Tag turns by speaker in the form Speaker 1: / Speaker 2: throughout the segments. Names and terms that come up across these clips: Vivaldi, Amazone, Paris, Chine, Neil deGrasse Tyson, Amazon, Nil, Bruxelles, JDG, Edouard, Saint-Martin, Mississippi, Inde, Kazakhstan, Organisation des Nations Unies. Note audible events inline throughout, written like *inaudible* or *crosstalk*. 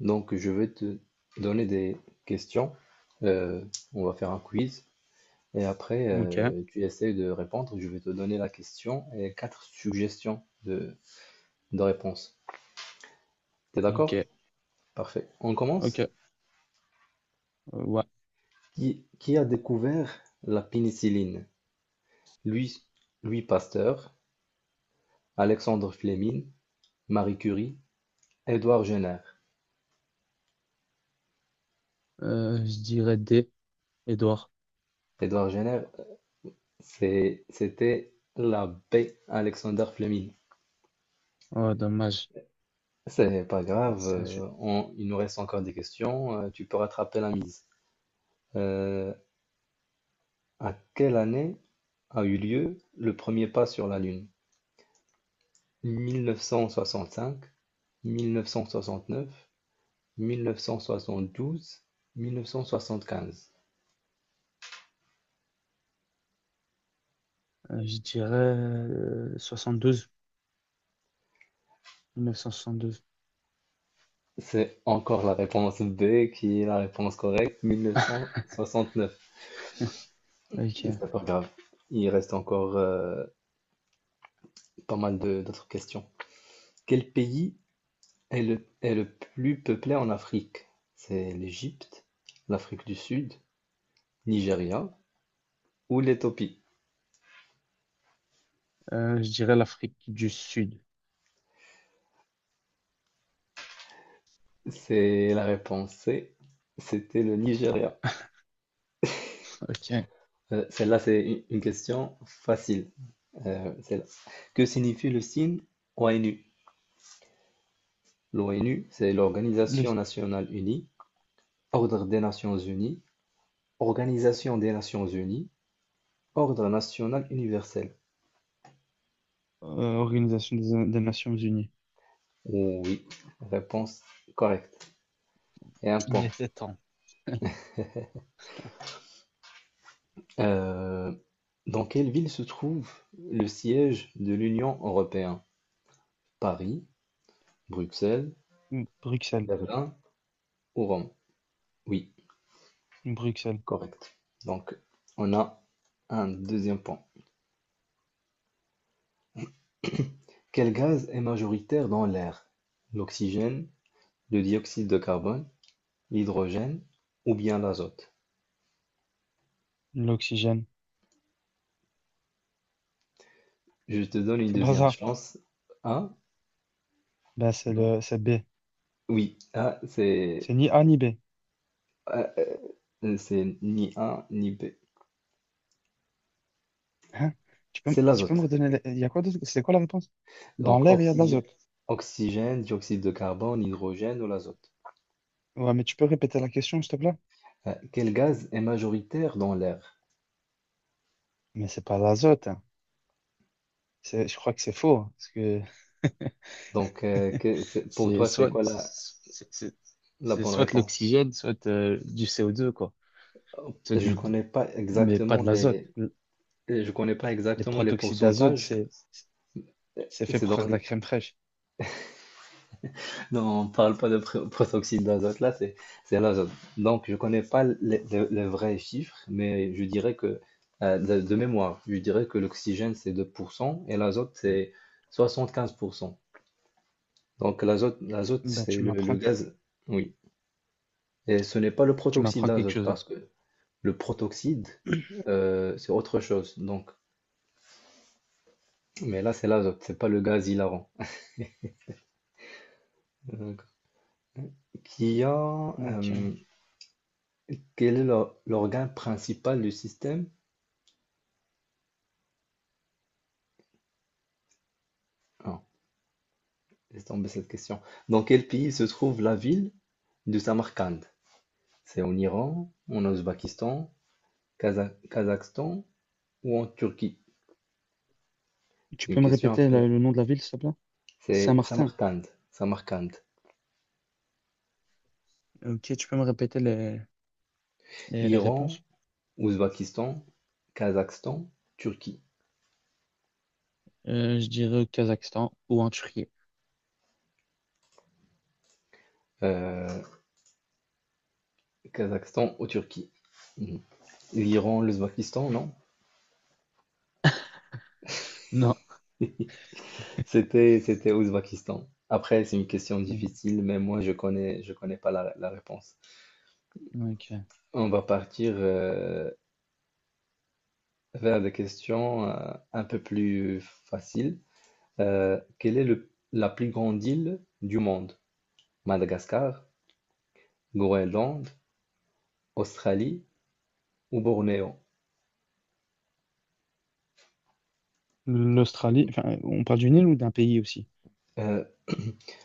Speaker 1: Donc, je vais te donner des questions. Euh, on va faire un quiz. Et après,
Speaker 2: Ok,
Speaker 1: tu essayes de répondre. Je vais te donner la question et quatre suggestions de réponse. T'es
Speaker 2: ok,
Speaker 1: d'accord? Parfait. On commence.
Speaker 2: ok. Ouais.
Speaker 1: Qui a découvert la pénicilline? Louis, Louis Pasteur, Alexandre Fleming, Marie Curie, Édouard Jenner.
Speaker 2: Je dirais D, Edouard.
Speaker 1: Édouard Jenner, c'était l'abbé Alexander Fleming.
Speaker 2: Oh, dommage.
Speaker 1: C'est pas grave,
Speaker 2: Ça, je,
Speaker 1: il nous reste encore des questions, tu peux rattraper la mise. Euh, à quelle année a eu lieu le premier pas sur la Lune? 1965, 1969, 1972, 1975.
Speaker 2: je dirais 72, 1972.
Speaker 1: C'est encore la réponse B qui est la réponse correcte, 1969.
Speaker 2: Ok.
Speaker 1: C'est pas grave, il reste encore pas mal d'autres questions. Quel pays est le plus peuplé en Afrique? C'est l'Égypte, l'Afrique du Sud, Nigeria ou l'Éthiopie?
Speaker 2: Je dirais l'Afrique du Sud.
Speaker 1: C'est la réponse C, c'était le Nigeria.
Speaker 2: Ok.
Speaker 1: Celle-là, c'est une question facile. Celle-là. Que signifie le signe ONU? L'ONU, c'est
Speaker 2: Le-
Speaker 1: l'Organisation nationale unie, Ordre des Nations unies, Organisation des Nations unies, Ordre national universel.
Speaker 2: Organisation des Nations Unies.
Speaker 1: Oh oui, réponse correcte. Et un
Speaker 2: Il
Speaker 1: point.
Speaker 2: était temps.
Speaker 1: Euh, dans quelle ville se trouve le siège de l'Union européenne? Paris, Bruxelles,
Speaker 2: *laughs* Bruxelles.
Speaker 1: Berlin ou Rome? Oui,
Speaker 2: Bruxelles.
Speaker 1: correct. Donc, on a un deuxième point. Quel gaz est majoritaire dans l'air? L'oxygène, le dioxyde de carbone, l'hydrogène ou bien l'azote?
Speaker 2: L'oxygène.
Speaker 1: Je te donne une
Speaker 2: C'est pas
Speaker 1: deuxième
Speaker 2: ça.
Speaker 1: chance. A?
Speaker 2: Ben,
Speaker 1: Non.
Speaker 2: c'est B.
Speaker 1: Oui,
Speaker 2: C'est ni A ni B.
Speaker 1: A, c'est ni A ni B.
Speaker 2: Hein? Tu peux, m-
Speaker 1: C'est
Speaker 2: tu peux me
Speaker 1: l'azote.
Speaker 2: redonner Il y a quoi d'autre? C'est quoi la réponse? Dans
Speaker 1: Donc,
Speaker 2: l'air, il y a de
Speaker 1: oxygène,
Speaker 2: l'azote.
Speaker 1: oxygène, dioxyde de carbone, hydrogène ou l'azote.
Speaker 2: Ouais, mais tu peux répéter la question, s'il te plaît?
Speaker 1: Quel gaz est majoritaire dans l'air?
Speaker 2: Mais c'est pas l'azote, hein. Je crois que c'est faux, hein. Parce que
Speaker 1: Donc,
Speaker 2: *laughs*
Speaker 1: pour
Speaker 2: c'est
Speaker 1: toi, c'est
Speaker 2: soit,
Speaker 1: quoi la,
Speaker 2: c'est c'est-
Speaker 1: la
Speaker 2: c'est
Speaker 1: bonne
Speaker 2: soit
Speaker 1: réponse?
Speaker 2: l'oxygène, soit du CO2, quoi. Soit
Speaker 1: Je
Speaker 2: du,
Speaker 1: connais pas
Speaker 2: mais pas
Speaker 1: exactement
Speaker 2: de l'azote.
Speaker 1: les, euh, je connais pas
Speaker 2: Les
Speaker 1: exactement les
Speaker 2: protoxydes d'azote,
Speaker 1: pourcentages.
Speaker 2: c'est fait
Speaker 1: C'est
Speaker 2: pour
Speaker 1: dans
Speaker 2: faire de la
Speaker 1: le-
Speaker 2: crème fraîche.
Speaker 1: non, on parle pas de protoxyde d'azote là. C'est l'azote. Donc je connais pas les vrais chiffres, mais je dirais que de mémoire, je dirais que l'oxygène c'est 2% et l'azote
Speaker 2: Mhm.
Speaker 1: c'est 75%. Donc l'azote,
Speaker 2: Ben,
Speaker 1: c'est
Speaker 2: tu
Speaker 1: le,
Speaker 2: m'apprends,
Speaker 1: le gaz, oui. Et ce n'est pas le
Speaker 2: tu
Speaker 1: protoxyde
Speaker 2: m'apprends quelque
Speaker 1: d'azote
Speaker 2: chose là.
Speaker 1: parce que le protoxyde, c'est autre chose. Donc, mais là, c'est l'azote, c'est pas le gaz hilarant. Euh, qui a,
Speaker 2: Ok.
Speaker 1: euh, quel est l'organe principal du système? Ah, laisse tomber cette question. Dans quel pays se trouve la ville de Samarcande? C'est en Iran, en Ouzbékistan, Kazakhstan ou en Turquie?
Speaker 2: Tu
Speaker 1: C'est une
Speaker 2: peux me
Speaker 1: question un
Speaker 2: répéter
Speaker 1: peu.
Speaker 2: le nom de la ville, s'il te plaît?
Speaker 1: C'est
Speaker 2: Saint-Martin.
Speaker 1: Samarcande, Samarcande.
Speaker 2: Ok, tu peux me répéter les
Speaker 1: Iran,
Speaker 2: réponses?
Speaker 1: Ouzbakistan, Kazakhstan, Turquie.
Speaker 2: Je dirais au Kazakhstan ou en Turquie.
Speaker 1: Heu, Kazakhstan ou Turquie. Mmh. L'Iran, l'Ouzbakistan, non?
Speaker 2: Non.
Speaker 1: *laughs* C'était Ouzbakistan. Après, c'est une question
Speaker 2: Non.
Speaker 1: difficile, mais moi je connais pas la réponse.
Speaker 2: Ok.
Speaker 1: On va partir, vers des questions, un peu plus faciles. Quelle est le la plus grande île du monde? Madagascar, Groenland, Australie ou Bornéo?
Speaker 2: L'Australie,
Speaker 1: Mmh,
Speaker 2: enfin, on parle d'une île ou d'un pays aussi?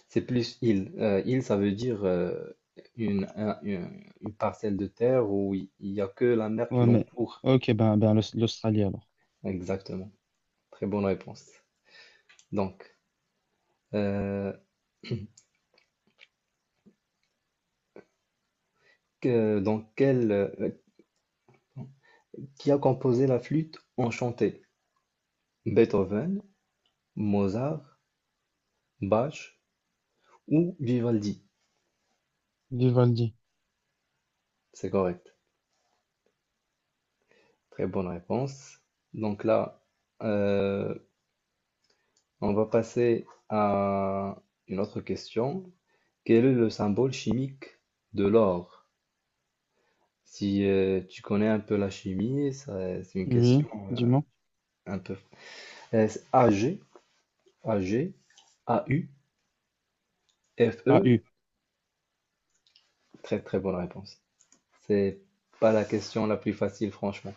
Speaker 1: c'est plus île. Île, ça veut dire une parcelle de terre où il n'y a que la mer qui
Speaker 2: Ouais, mais.
Speaker 1: l'entoure.
Speaker 2: Ok, ben l'Australie alors.
Speaker 1: Exactement. Très bonne réponse. Donc, euh, que- dans quel, euh, qui a composé la flûte enchantée? Beethoven, Mozart, Bach ou Vivaldi?
Speaker 2: Vivaldi.
Speaker 1: C'est correct. Très bonne réponse. Donc là, euh, on va passer à une autre question. Quel est le symbole chimique de l'or? Si tu connais un peu la chimie, c'est une
Speaker 2: Oui,
Speaker 1: question euh,
Speaker 2: dis-moi.
Speaker 1: un peu. C'est AG, AG, AU,
Speaker 2: Ah,
Speaker 1: FE.
Speaker 2: U.
Speaker 1: Très très bonne réponse. C'est pas la question la plus facile, franchement.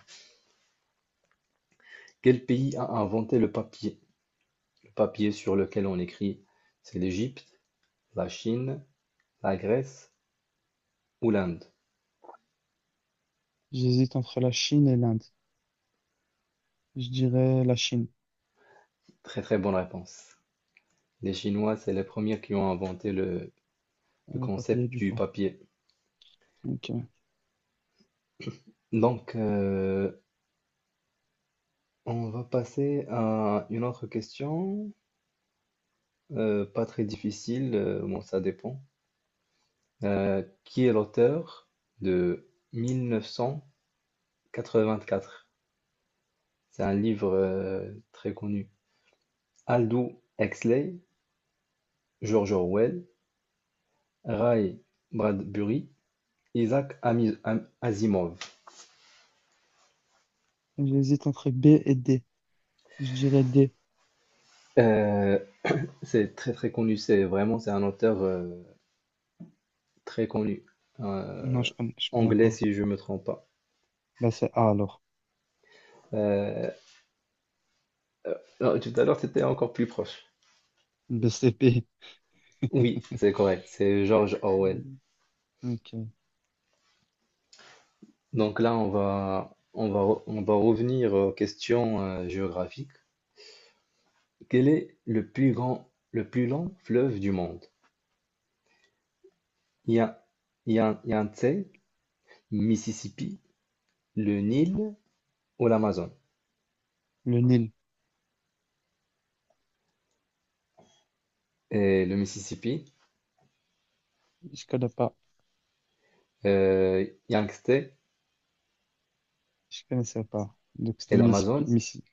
Speaker 1: Quel pays a inventé le papier? Le papier sur lequel on écrit, c'est l'Égypte, la Chine, la Grèce ou l'Inde?
Speaker 2: J'hésite entre la Chine et l'Inde. Je dirais la Chine.
Speaker 1: Très très bonne réponse. Les Chinois, c'est les premiers qui ont inventé le, le
Speaker 2: Le papier,
Speaker 1: concept
Speaker 2: du
Speaker 1: du
Speaker 2: coup.
Speaker 1: papier.
Speaker 2: Ok.
Speaker 1: Donc, on va passer à une autre question, pas très difficile, bon, ça dépend. Qui est l'auteur de 1984? C'est un livre très connu. Aldous Huxley, George Orwell, Ray Bradbury, Isaac Asimov.
Speaker 2: J'hésite entre B et D. Je dirais D.
Speaker 1: Euh, c'est très très connu, c'est un auteur très connu,
Speaker 2: Non,
Speaker 1: euh,
Speaker 2: je connais
Speaker 1: anglais
Speaker 2: pas.
Speaker 1: si je me trompe pas.
Speaker 2: Bah c'est A alors.
Speaker 1: Euh, Euh, non, tout à l'heure, c'était encore plus proche.
Speaker 2: B C P.
Speaker 1: Oui, c'est correct. C'est George Orwell.
Speaker 2: Ok.
Speaker 1: Donc là, on va revenir aux questions géographiques. Quel est le plus long fleuve du monde? Il y a, il y a un Yangtze, Mississippi, le Nil ou l'Amazone?
Speaker 2: Le Nil.
Speaker 1: Et le Mississippi,
Speaker 2: Je connais pas.
Speaker 1: Yangtze et
Speaker 2: Je connaissais pas. Donc, c'était le
Speaker 1: l'Amazone.
Speaker 2: Mississippi.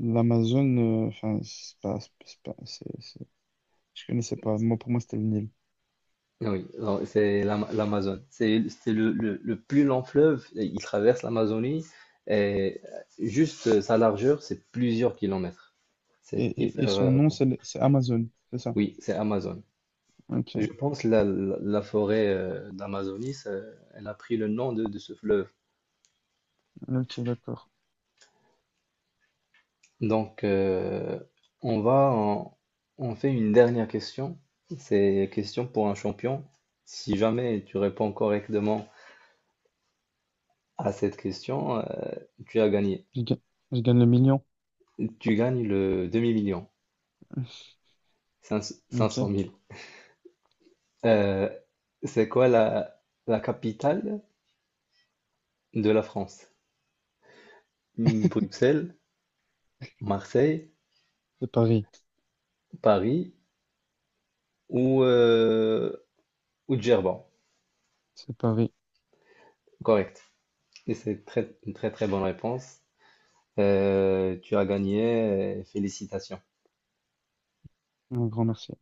Speaker 2: L'Amazone, enfin, c'est pas, c'est pas- c'est- je connaissais pas. Moi, pour moi, c'était le Nil.
Speaker 1: Oui, non, c'est l'Amazon. C'est le plus long fleuve, et il traverse l'Amazonie et juste sa largeur, c'est plusieurs kilomètres.
Speaker 2: Et,
Speaker 1: C'est
Speaker 2: et, et
Speaker 1: hyper
Speaker 2: son nom,
Speaker 1: grand.
Speaker 2: c'est c'est Amazon, c'est ça.
Speaker 1: Oui, c'est Amazon. Je
Speaker 2: Ok,
Speaker 1: pense la forêt d'Amazonie, elle a pris le nom de ce fleuve.
Speaker 2: ok, d'accord.
Speaker 1: Donc, on va en- on fait une dernière question. C'est question pour un champion. Si jamais tu réponds correctement à cette question, tu as gagné.
Speaker 2: Je gagne, je gagne le million.
Speaker 1: Tu gagnes le demi-million, 500
Speaker 2: Ok,
Speaker 1: 000. Euh, c'est quoi la capitale de la France? Hmm, Bruxelles, Marseille,
Speaker 2: c'est Paris,
Speaker 1: Paris ou, ou Djerba?
Speaker 2: c'est Paris.
Speaker 1: Correct. Et c'est une très très bonne réponse. Tu as gagné, félicitations.
Speaker 2: Un grand merci.